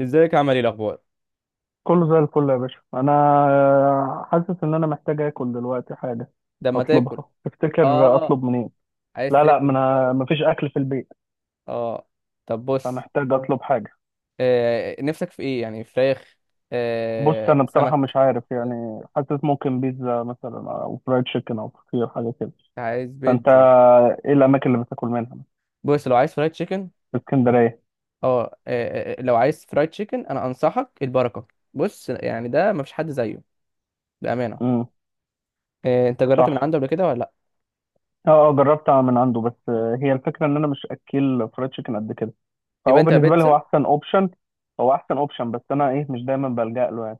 ازيك، عمل ايه الاخبار؟ كله زي الفل يا باشا، انا حاسس ان انا محتاج اكل دلوقتي، حاجه ده ما تاكل؟ اطلبها. تفتكر اه. اطلب منين؟ عايز لا لا، تاكل ما من انا بره؟ مفيش اكل في البيت، اه. طب، بص. فمحتاج اطلب حاجه. آه، نفسك في ايه، يعني فراخ؟ بص، آه، انا بصراحه مش سمك؟ عارف، كده. يعني حاسس ممكن بيتزا مثلا، او فرايد تشيكن، او فطير، حاجه كده. عايز فانت بيتزا؟ ايه الاماكن اللي بتاكل منها بص، لو عايز فرايد تشيكن. في اسكندريه؟ اه، لو عايز فرايد تشيكن انا انصحك البركه. بص، يعني ده ما فيش حد زيه. بامانه. امم آه، انت جربت من صح. عنده قبل كده، ولا لا؟ اه اه، جربت من عنده، بس هي الفكره ان انا مش اكل فرايد تشيكن قد كده، يبقى فهو انت بالنسبه لي هو بيتزا. احسن اوبشن. هو احسن اوبشن، بس انا مش دايما بلجأ له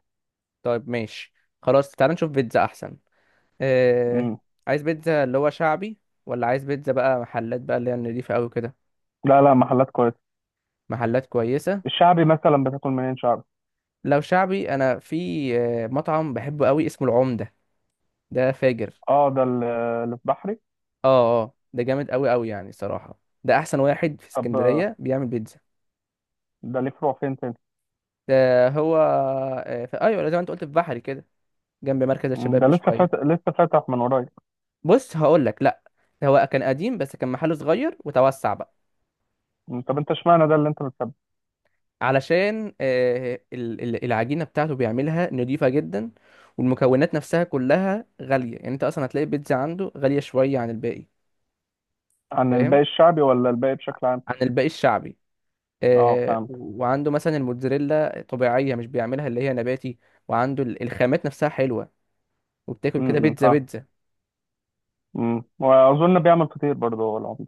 طيب، ماشي. خلاص، تعال نشوف بيتزا احسن. آه. يعني. عايز بيتزا اللي هو شعبي، ولا عايز بيتزا بقى محلات بقى اللي هي النضيفه قوي كده؟ لا لا، محلات كويسة. محلات كويسة. الشعبي مثلا بتاكل منين شعبي؟ لو شعبي أنا في... مطعم بحبه قوي اسمه العمدة. ده فاجر. اه، اللي في بحري. اه، اه، ده جامد قوي قوي، يعني صراحة ده أحسن واحد في طب اسكندرية بيعمل بيتزا. ده ليه فروع فين تاني؟ ده هو. في، أيوة زي ما أنت قلت، في بحري كده. جنب مركز الشباب ده لسه بشوية. فاتح، من قريب. بص، هقول لك، لأ. هو كان قديم بس كان محله صغير وتوسع بقى. طب انت اشمعنى ده اللي انت بتحبه؟ علشان العجينة بتاعته بيعملها نضيفة جدا، والمكونات نفسها كلها غالية، يعني أنت أصلا هتلاقي البيتزا عنده غالية شوية عن الباقي. عن الباقي فاهم. الشعبي ولا الباقي بشكل عام؟ عن الباقي الشعبي. اه آه، فهمت. و- وعنده مثلا الموتزاريلا طبيعية، مش بيعملها اللي هي نباتي. وعنده الخامات نفسها حلوة. وبتاكل كده بيتزا فاهم. بيتزا. امم، واظن بيعمل فطير برضه هو العمده.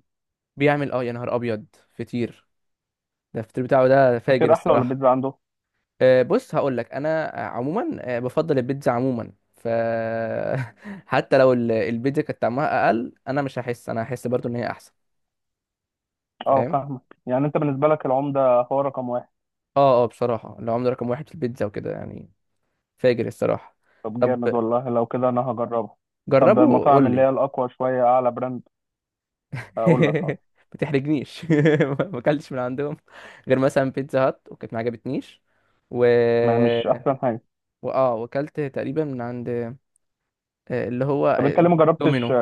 بيعمل، يا نهار أبيض! فطير. ده الفطير بتاعه، ده فاجر فطير احلى ولا الصراحة. بيتزا عنده؟ بص، هقول لك، أنا عموما بفضل البيتزا عموما، ف... حتى لو البيتزا كانت طعمها أقل، أنا مش هحس، أنا هحس برضو إن هي أحسن. اه فاهم. فاهمك، يعني انت بالنسبه لك العمده هو رقم واحد. اه، اه، بصراحة العملة رقم واحد في البيتزا وكده، يعني فاجر الصراحة. طب طب، جامد والله، لو كده انا هجربها. طب جربه المطاعم وقول اللي هي لي. الاقوى شويه، اعلى براند، هقول لك خلاص. ما تحرجنيش، ما اكلتش من عندهم غير مثلا بيتزا هات، وكانت ما عجبتنيش. و... ما مش احسن حاجه. واه وكلت تقريبا من عند اللي هو طب انت ليه ما جربتش؟ دومينو.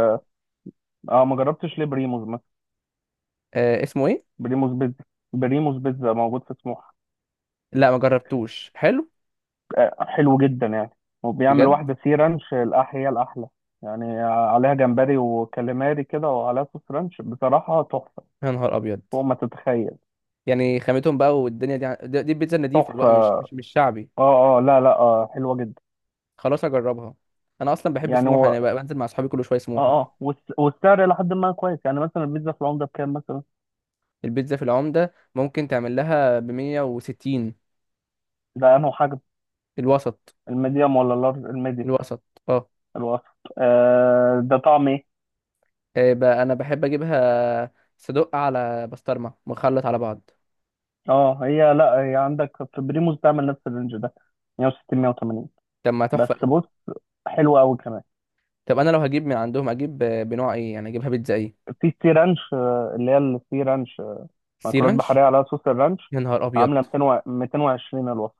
اه، ما جربتش ليه بريموز مثلا؟ اسمه ايه؟ بريموز بيتزا، بريموز بيتزا موجود في سموحه. لا، ما جربتوش. حلو؟ حلو جدا يعني. وبيعمل بجد؟ واحده سي رانش، هي الاحلى يعني، عليها جمبري وكاليماري كده، وعليها صوص رانش، بصراحه تحفه يا نهار ابيض! فوق ما تتخيل. يعني خامتهم بقى، والدنيا دي دي البيتزا النضيفه بقى، مش تحفه، مش مش شعبي. اه اه، لا لا، آه حلوه جدا خلاص، هجربها. انا اصلا بحب يعني. سموحه، انا هو بقى بنزل مع اصحابي كل شويه اه سموحه. اه، والسعر الى حد ما كويس يعني. مثلا البيتزا في العمده بكام مثلا؟ البيتزا في العمده ممكن تعمل لها ب 160. ده انه حجم؟ الوسط. الميديوم ولا اللارج؟ الميديوم، الوسط، اه. الوسط. آه، ده طعم ايه؟ إيه بقى، انا بحب اجيبها صدق على بسطرمه، مخلط على بعض. اه، لا هي عندك في بريموس تعمل نفس الرينج ده، 160 180. طب، ما بس تحفه قوي. بص، حلوه قوي كمان. طب، انا لو هجيب من عندهم اجيب بنوع ايه، يعني اجيبها بيتزا ايه؟ في سي رانش، اللي هي السي رانش، سي مأكولات بحريه رانش. عليها صوص الرانش، يا نهار ابيض! عامله 200 220 الوصف.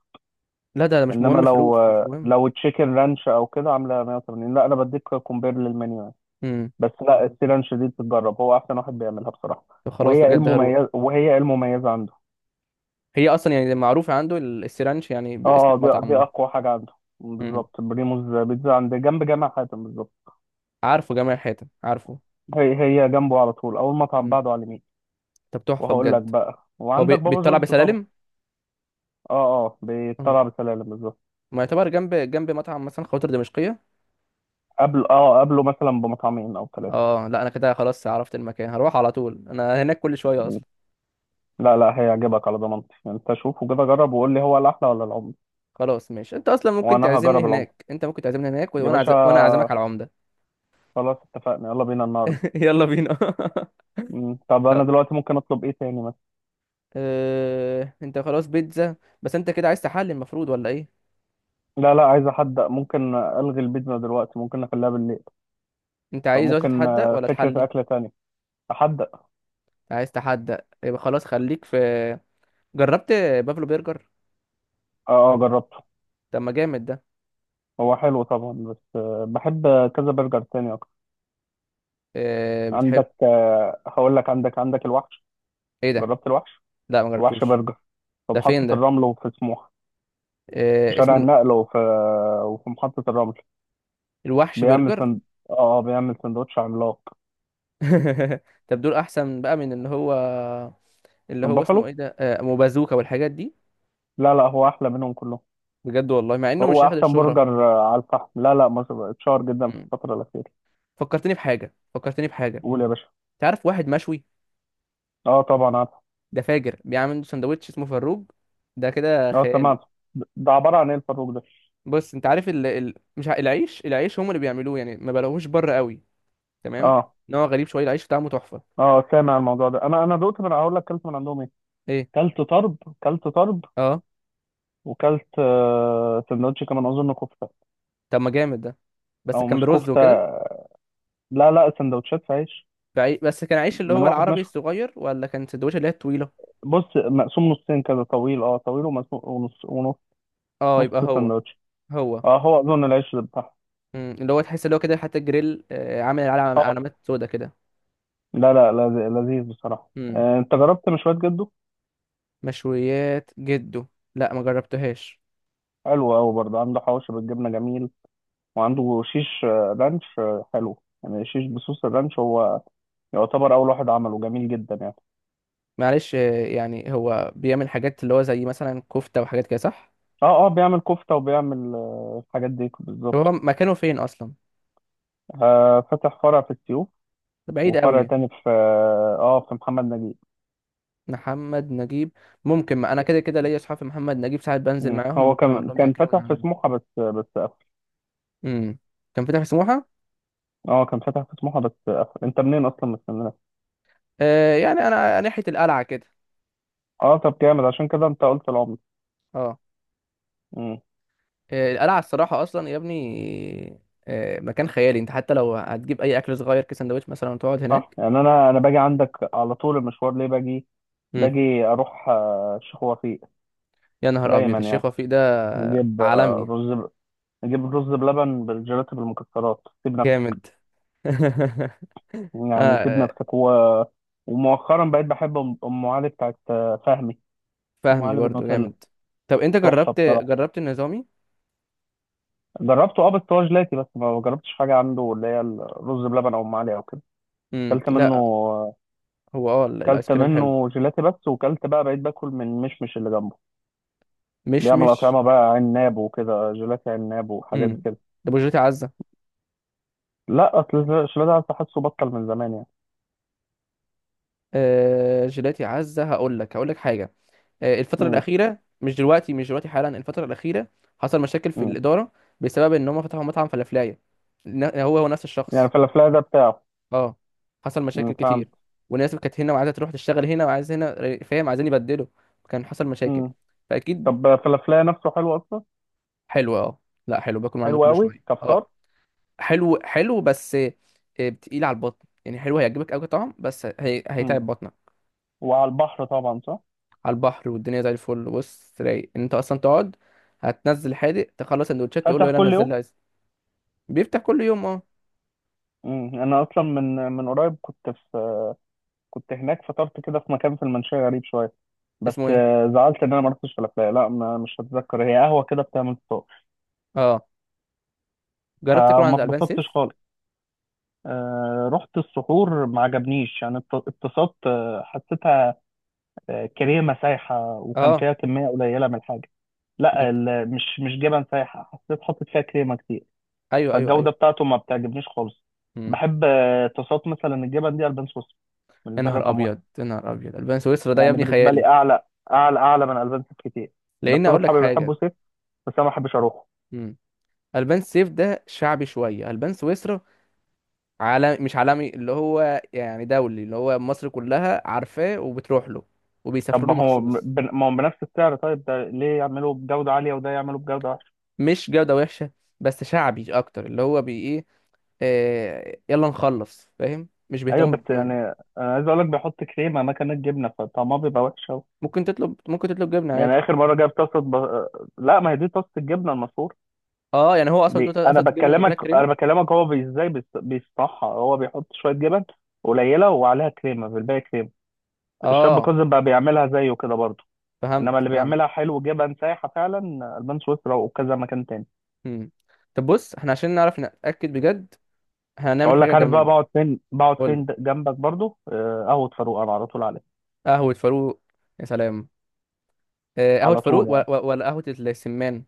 لا، ده مش انما مهم، لو فلوس مش مهم. لو تشيكن رانش او كده، عامله 180. لا انا بديك كومبير للمنيو يعني. امم. بس لا، السي رانش دي تتجرب، هو احسن واحد بيعملها بصراحه. طب، خلاص، بجد هروح. وهي ايه المميز عنده؟ هي اصلا يعني معروفه عنده السي رانش، يعني اه باسم اه، المطعم دي ده. اقوى حاجه عنده امم. بالظبط. بريموس بيتزا عند، جنب جامع حاتم بالظبط. عارفه جميع الحيتان، عارفه. هي هي جنبه على طول، اول مطعم امم. بعده على اليمين. طب، تحفه وهقول لك بجد. بقى، هو وعندك بابا بيطلع جونز طبعا. بسلالم. اه اه، امم. بيطلع بسلالم بالظبط. ما يعتبر جنب جنب مطعم مثلا خواطر دمشقيه. قبل اه قبله مثلا بمطعمين او ثلاثه. اه، لا انا كده خلاص عرفت المكان، هروح على طول، انا هناك كل شويه اصلا. لا لا، هيعجبك على ضمانتي، انت شوفه كده، جرب وقول لي هو الاحلى ولا العمر. خلاص، ماشي، انت اصلا ممكن وانا تعزمني هجرب العمر هناك، انت ممكن تعزمني هناك و- يا وانا باشا. عز... وانا اعزمك على العمده. خلاص اتفقنا، يلا بينا النهارده. يلا بينا. مم. طب انا طب. دلوقتي ممكن اطلب ايه تاني مثلا؟ اه... انت خلاص بيتزا، بس انت كده عايز تحلي المفروض، ولا ايه؟ لا لا، عايز احدق، ممكن الغي البيتزا دلوقتي، ممكن نخليها بالليل. انت عايز دلوقتي فممكن تتحدى ولا فكره تحلي؟ اكله تانية، احدق. عايز تحدى؟ يبقى خلاص، خليك في. جربت بافلو برجر؟ اه اه، جربت. طب، ما جامد ده. هو حلو طبعا، بس بحب كذا برجر تاني اكتر. اه... بتحب عندك هقول لك، عندك الوحش. ايه ده؟ جربت الوحش؟ لا، ما الوحش جربتوش. برجر، في ده فين محطة ده؟ الرمل وفي سموحة، في اه... شارع اسمه النقل، وفي محطة الرمل. الوحش بيعمل برجر. سند... اه بيعمل سندوتش عملاق. طب، دول احسن بقى من اللي هو، اللي من هو اسمه ايه بافالو؟ ده؟ اه... أم بازوكا والحاجات دي. لا لا، هو احلى منهم كلهم، بجد والله، مع انه هو مش هياخد احسن الشهرة. برجر على الفحم. لا لا مش- اتشهر جدا في مم. الفترة الأخيرة. فكرتني بحاجة، فكرتني بحاجة. قول يا باشا. تعرف واحد مشوي؟ اه طبعا عارف. ده فاجر، بيعمل عنده سندوتش اسمه فروج. ده كده اه خيالي. سمعت. ده عبارة عن ايه الفاروق ده؟ بص، انت عارف مش العيش، العيش هم اللي بيعملوه، يعني ما بلاقوهوش بره قوي. تمام. اه نوع غريب شوية، العيش بتاعه تحفة. اه سامع الموضوع ده. انا دقت من، هقول لك، كلت من عندهم، ايه؟ كلت طرب، كلت طرب. اه. وكلت سندوتش كمان اظن كفته، طب، ما جامد ده. بس او كان مش برز كفته. وكده. لا لا، سندوتشات في عيش بس كان عيش اللي من هو واحد العربي مشوي. الصغير، ولا كان سندوتش اللي هي الطويلة؟ بص، مقسوم نصين كده طويل، اه طويل ومقسوم، ونص ونص، اه، نص يبقى هو. سندوتش. هو. اه هو اظن العيش اللي بتاعه. مم. اللي هو تحس اللي هو كده، حتى الجريل عامل اه علامات سودا كده. لا لا، لذيذ بصراحه. انت جربت مشويات جده؟ مشويات جده؟ لا، ما جربتهاش. حلو قوي برضه، عنده حواوشي بالجبنه جميل، وعنده شيش رانش، حلو يعني، شيش بصوص الرانش، هو يعتبر اول واحد عمله، جميل جدا يعني. معلش. يعني هو بيعمل حاجات اللي هو زي مثلا كفتة وحاجات كده، صح؟ اه اه، بيعمل كفتة، وبيعمل الحاجات دي طب، هو بالظبط. مكانه فين اصلا؟ آه فتح فرع في السيوف، ده بعيد وفرع قوي. تاني في في محمد نجيب. محمد نجيب. ممكن، ما انا كده كده ليا اصحاب في محمد نجيب، ساعات بنزل مم. معاهم، هو ممكن اقول كان لهم كان ياكلوا من فتح في عنده. سموحة، بس قفل. امم. كان فاتح في سموحة؟ اه كان فتح في سموحة بس قفل. انت منين اصلا، من اسكندرية؟ آه، يعني انا ناحية القلعة كده. اه طب جامد، عشان كده انت قلت العمر. اه. مم. القلعة الصراحة اصلا يا ابني، آه، مكان خيالي. انت حتى لو هتجيب اي اكل صغير كسندوتش مثلا وتقعد صح هناك. يعني. انا باجي عندك على طول، المشوار ليه باجي، امم. باجي اروح الشيخ وفيق يا نهار ابيض، دايما الشيخ يعني. وفيق ده. نجيب عالمي. نجيب رز بلبن بالجيلاتي بالمكسرات، سيب نفسك، جامد. يعني سيبنا آه، في سكوة. ومؤخرا بقيت بحب أم علي بتاعت فهمي. ام فهمي علي برضو بالنوتيلا جامد. طب، انت تحفه جربت بصراحه. جربت النظامي؟ جربته اه، بس هو جيلاتي بس، ما جربتش حاجه عنده اللي هي الرز بلبن او ام علي او كده. امم، كلت منه، لا. هو، اه، الايس كلت كريم حلو. منه جيلاتي بس، وكلت بقى، بقيت باكل من مشمش اللي جنبه، مش بيعمل مش. اطعمه بقى، عناب وكده، جيلاتي عناب وحاجات امم. كده. طب، وجيلاتي عزة؟ لا اصل الجيلاتي أصل، حاسه بطل من زمان يعني. آه، جيلاتي عزة، هقول لك هقول لك حاجة. آه، الفترة امم. الأخيرة، مش دلوقتي، مش دلوقتي حالا، الفترة الأخيرة. حصل مشاكل في امم. الإدارة، بسبب ان هم فتحوا مطعم فلافلاية. هو هو نفس يعني الشخص. فلافلا ده بتاعه. اه. حصل مشاكل فهمت. كتير، وناس كانت هنا وعايزه تروح تشتغل هنا، وعايز هنا، فاهم؟ عايزين يبدلوا. كان حصل مشاكل. امم. فاكيد. طب فلافلا نفسه حلو اصلا. حلو، اه. لا، حلو، باكل من عنده حلو كل قوي شويه، كفطار. اه. حلو حلو، بس تقيل على البطن، يعني حلو هيعجبك قوي طعم، بس مم. هيتعب بطنك. وعلى البحر طبعا صح. على البحر والدنيا زي الفل، بص رايق إن انت اصلا تقعد، هتنزل حادق، تخلص سندوتشات، تقول فاتح له يلا كل نزل يوم. لي ايس. بيفتح كل يوم، اه. مم. انا اصلا من قريب كنت في، كنت هناك، فطرت كده في مكان في المنشية غريب شوية، بس اسمه ايه؟ زعلت ان انا ما رحتش فلافل. لا ما، مش هتذكر، هي قهوة كده بتعمل فطار، اه. جربت تاكل فما عند البان اتبسطتش سيف؟ خالص. رحت السحور، ما عجبنيش يعني، اتبسطت، حسيتها كريمة سايحة، وكان اه. فيها كمية قليلة من الحاجة. لا انت- مش مش جبن سايحة، حسيت حاطط فيها كريمة كتير، ايوه، ايوه، فالجودة بتاعته ما بتعجبنيش خالص. ايوه. بحب طاسات مثلا الجبن دي، ألبان سويسرا يا بالنسبة لي نهار رقم واحد. ابيض، يا نهار ابيض! البان سويسرا ده يا يعني ابني بالنسبة خيالي. لي أعلى، أعلى أعلى من ألبان سويسرا كتير. بس لان أنا اقول لك أصحابي حاجه. بيحبوا سيف، بس أنا ما بحبش أروحه. امم. البان سيف ده شعبي شويه. البان سويسرا عالم، مش عالمي، اللي هو يعني دولي، اللي هو مصر كلها عارفاه وبتروح له طب وبيسافروا ما له هو مخصوص. ما هو بنفس السعر. طيب ده ليه يعملوا بجودة عالية، وده يعملوا بجودة وحشة؟ مش جوده وحشه، بس شعبي اكتر اللي هو بي ايه. يلا نخلص، فاهم؟ مش أيوه بيهتموا بس ب... يعني، أنا عايز أقول لك بيحط كريمة مكان الجبنة، فطعمها بيبقى وحش أوي. ممكن تطلب، ممكن تطلب جبنه يعني عادي. آخر مرة جايب طاسة ب... لا ما هي دي طاسة الجبنة المفروض. اه، يعني هو اصلا تقول هات جبنه وجاب لك انا كريمه. بكلمك، هو ازاي بيصنعها. هو بيحط شويه جبن قليله، وعليها كريمه، في الباقي كريمه. الشاب اه، كوزن بقى بيعملها زيه كده برضه. فهمت انما اللي فهمت. بيعملها حلو جبن سايحه فعلا، البان سويسرا وكذا مكان تاني. امم. طب بص، احنا عشان نعرف نتاكد بجد، احنا هنعمل اقول حاجة لك عارف بقى جميلة. بقعد فين، قول لي. جنبك برضه قهوه فاروق، انا على طول عليها. قهوة فاروق؟ يا سلام! قهوة على طول فاروق و- يعني. و- ولا قهوة السمان؟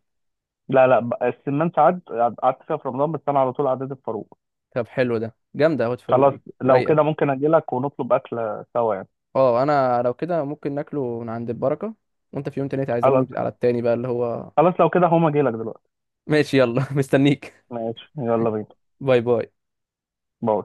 لا لا، السمان ساعات قعدت فيها في رمضان، بس انا على طول عدت فاروق. طب، حلو ده، جامدة قهوة فاروق خلاص، دي، لو رايقة. كده ممكن اجي لك ونطلب اكله سوا يعني. اه، انا لو كده ممكن ناكله من عند البركة، وانت في يوم تاني تعزمني خلاص. على التاني بقى اللي هو... خلاص لو كده هقوم اجي لك دلوقتي. ماشي، يلا. مستنيك. ماشي يلا بينا. باي، باي. باي.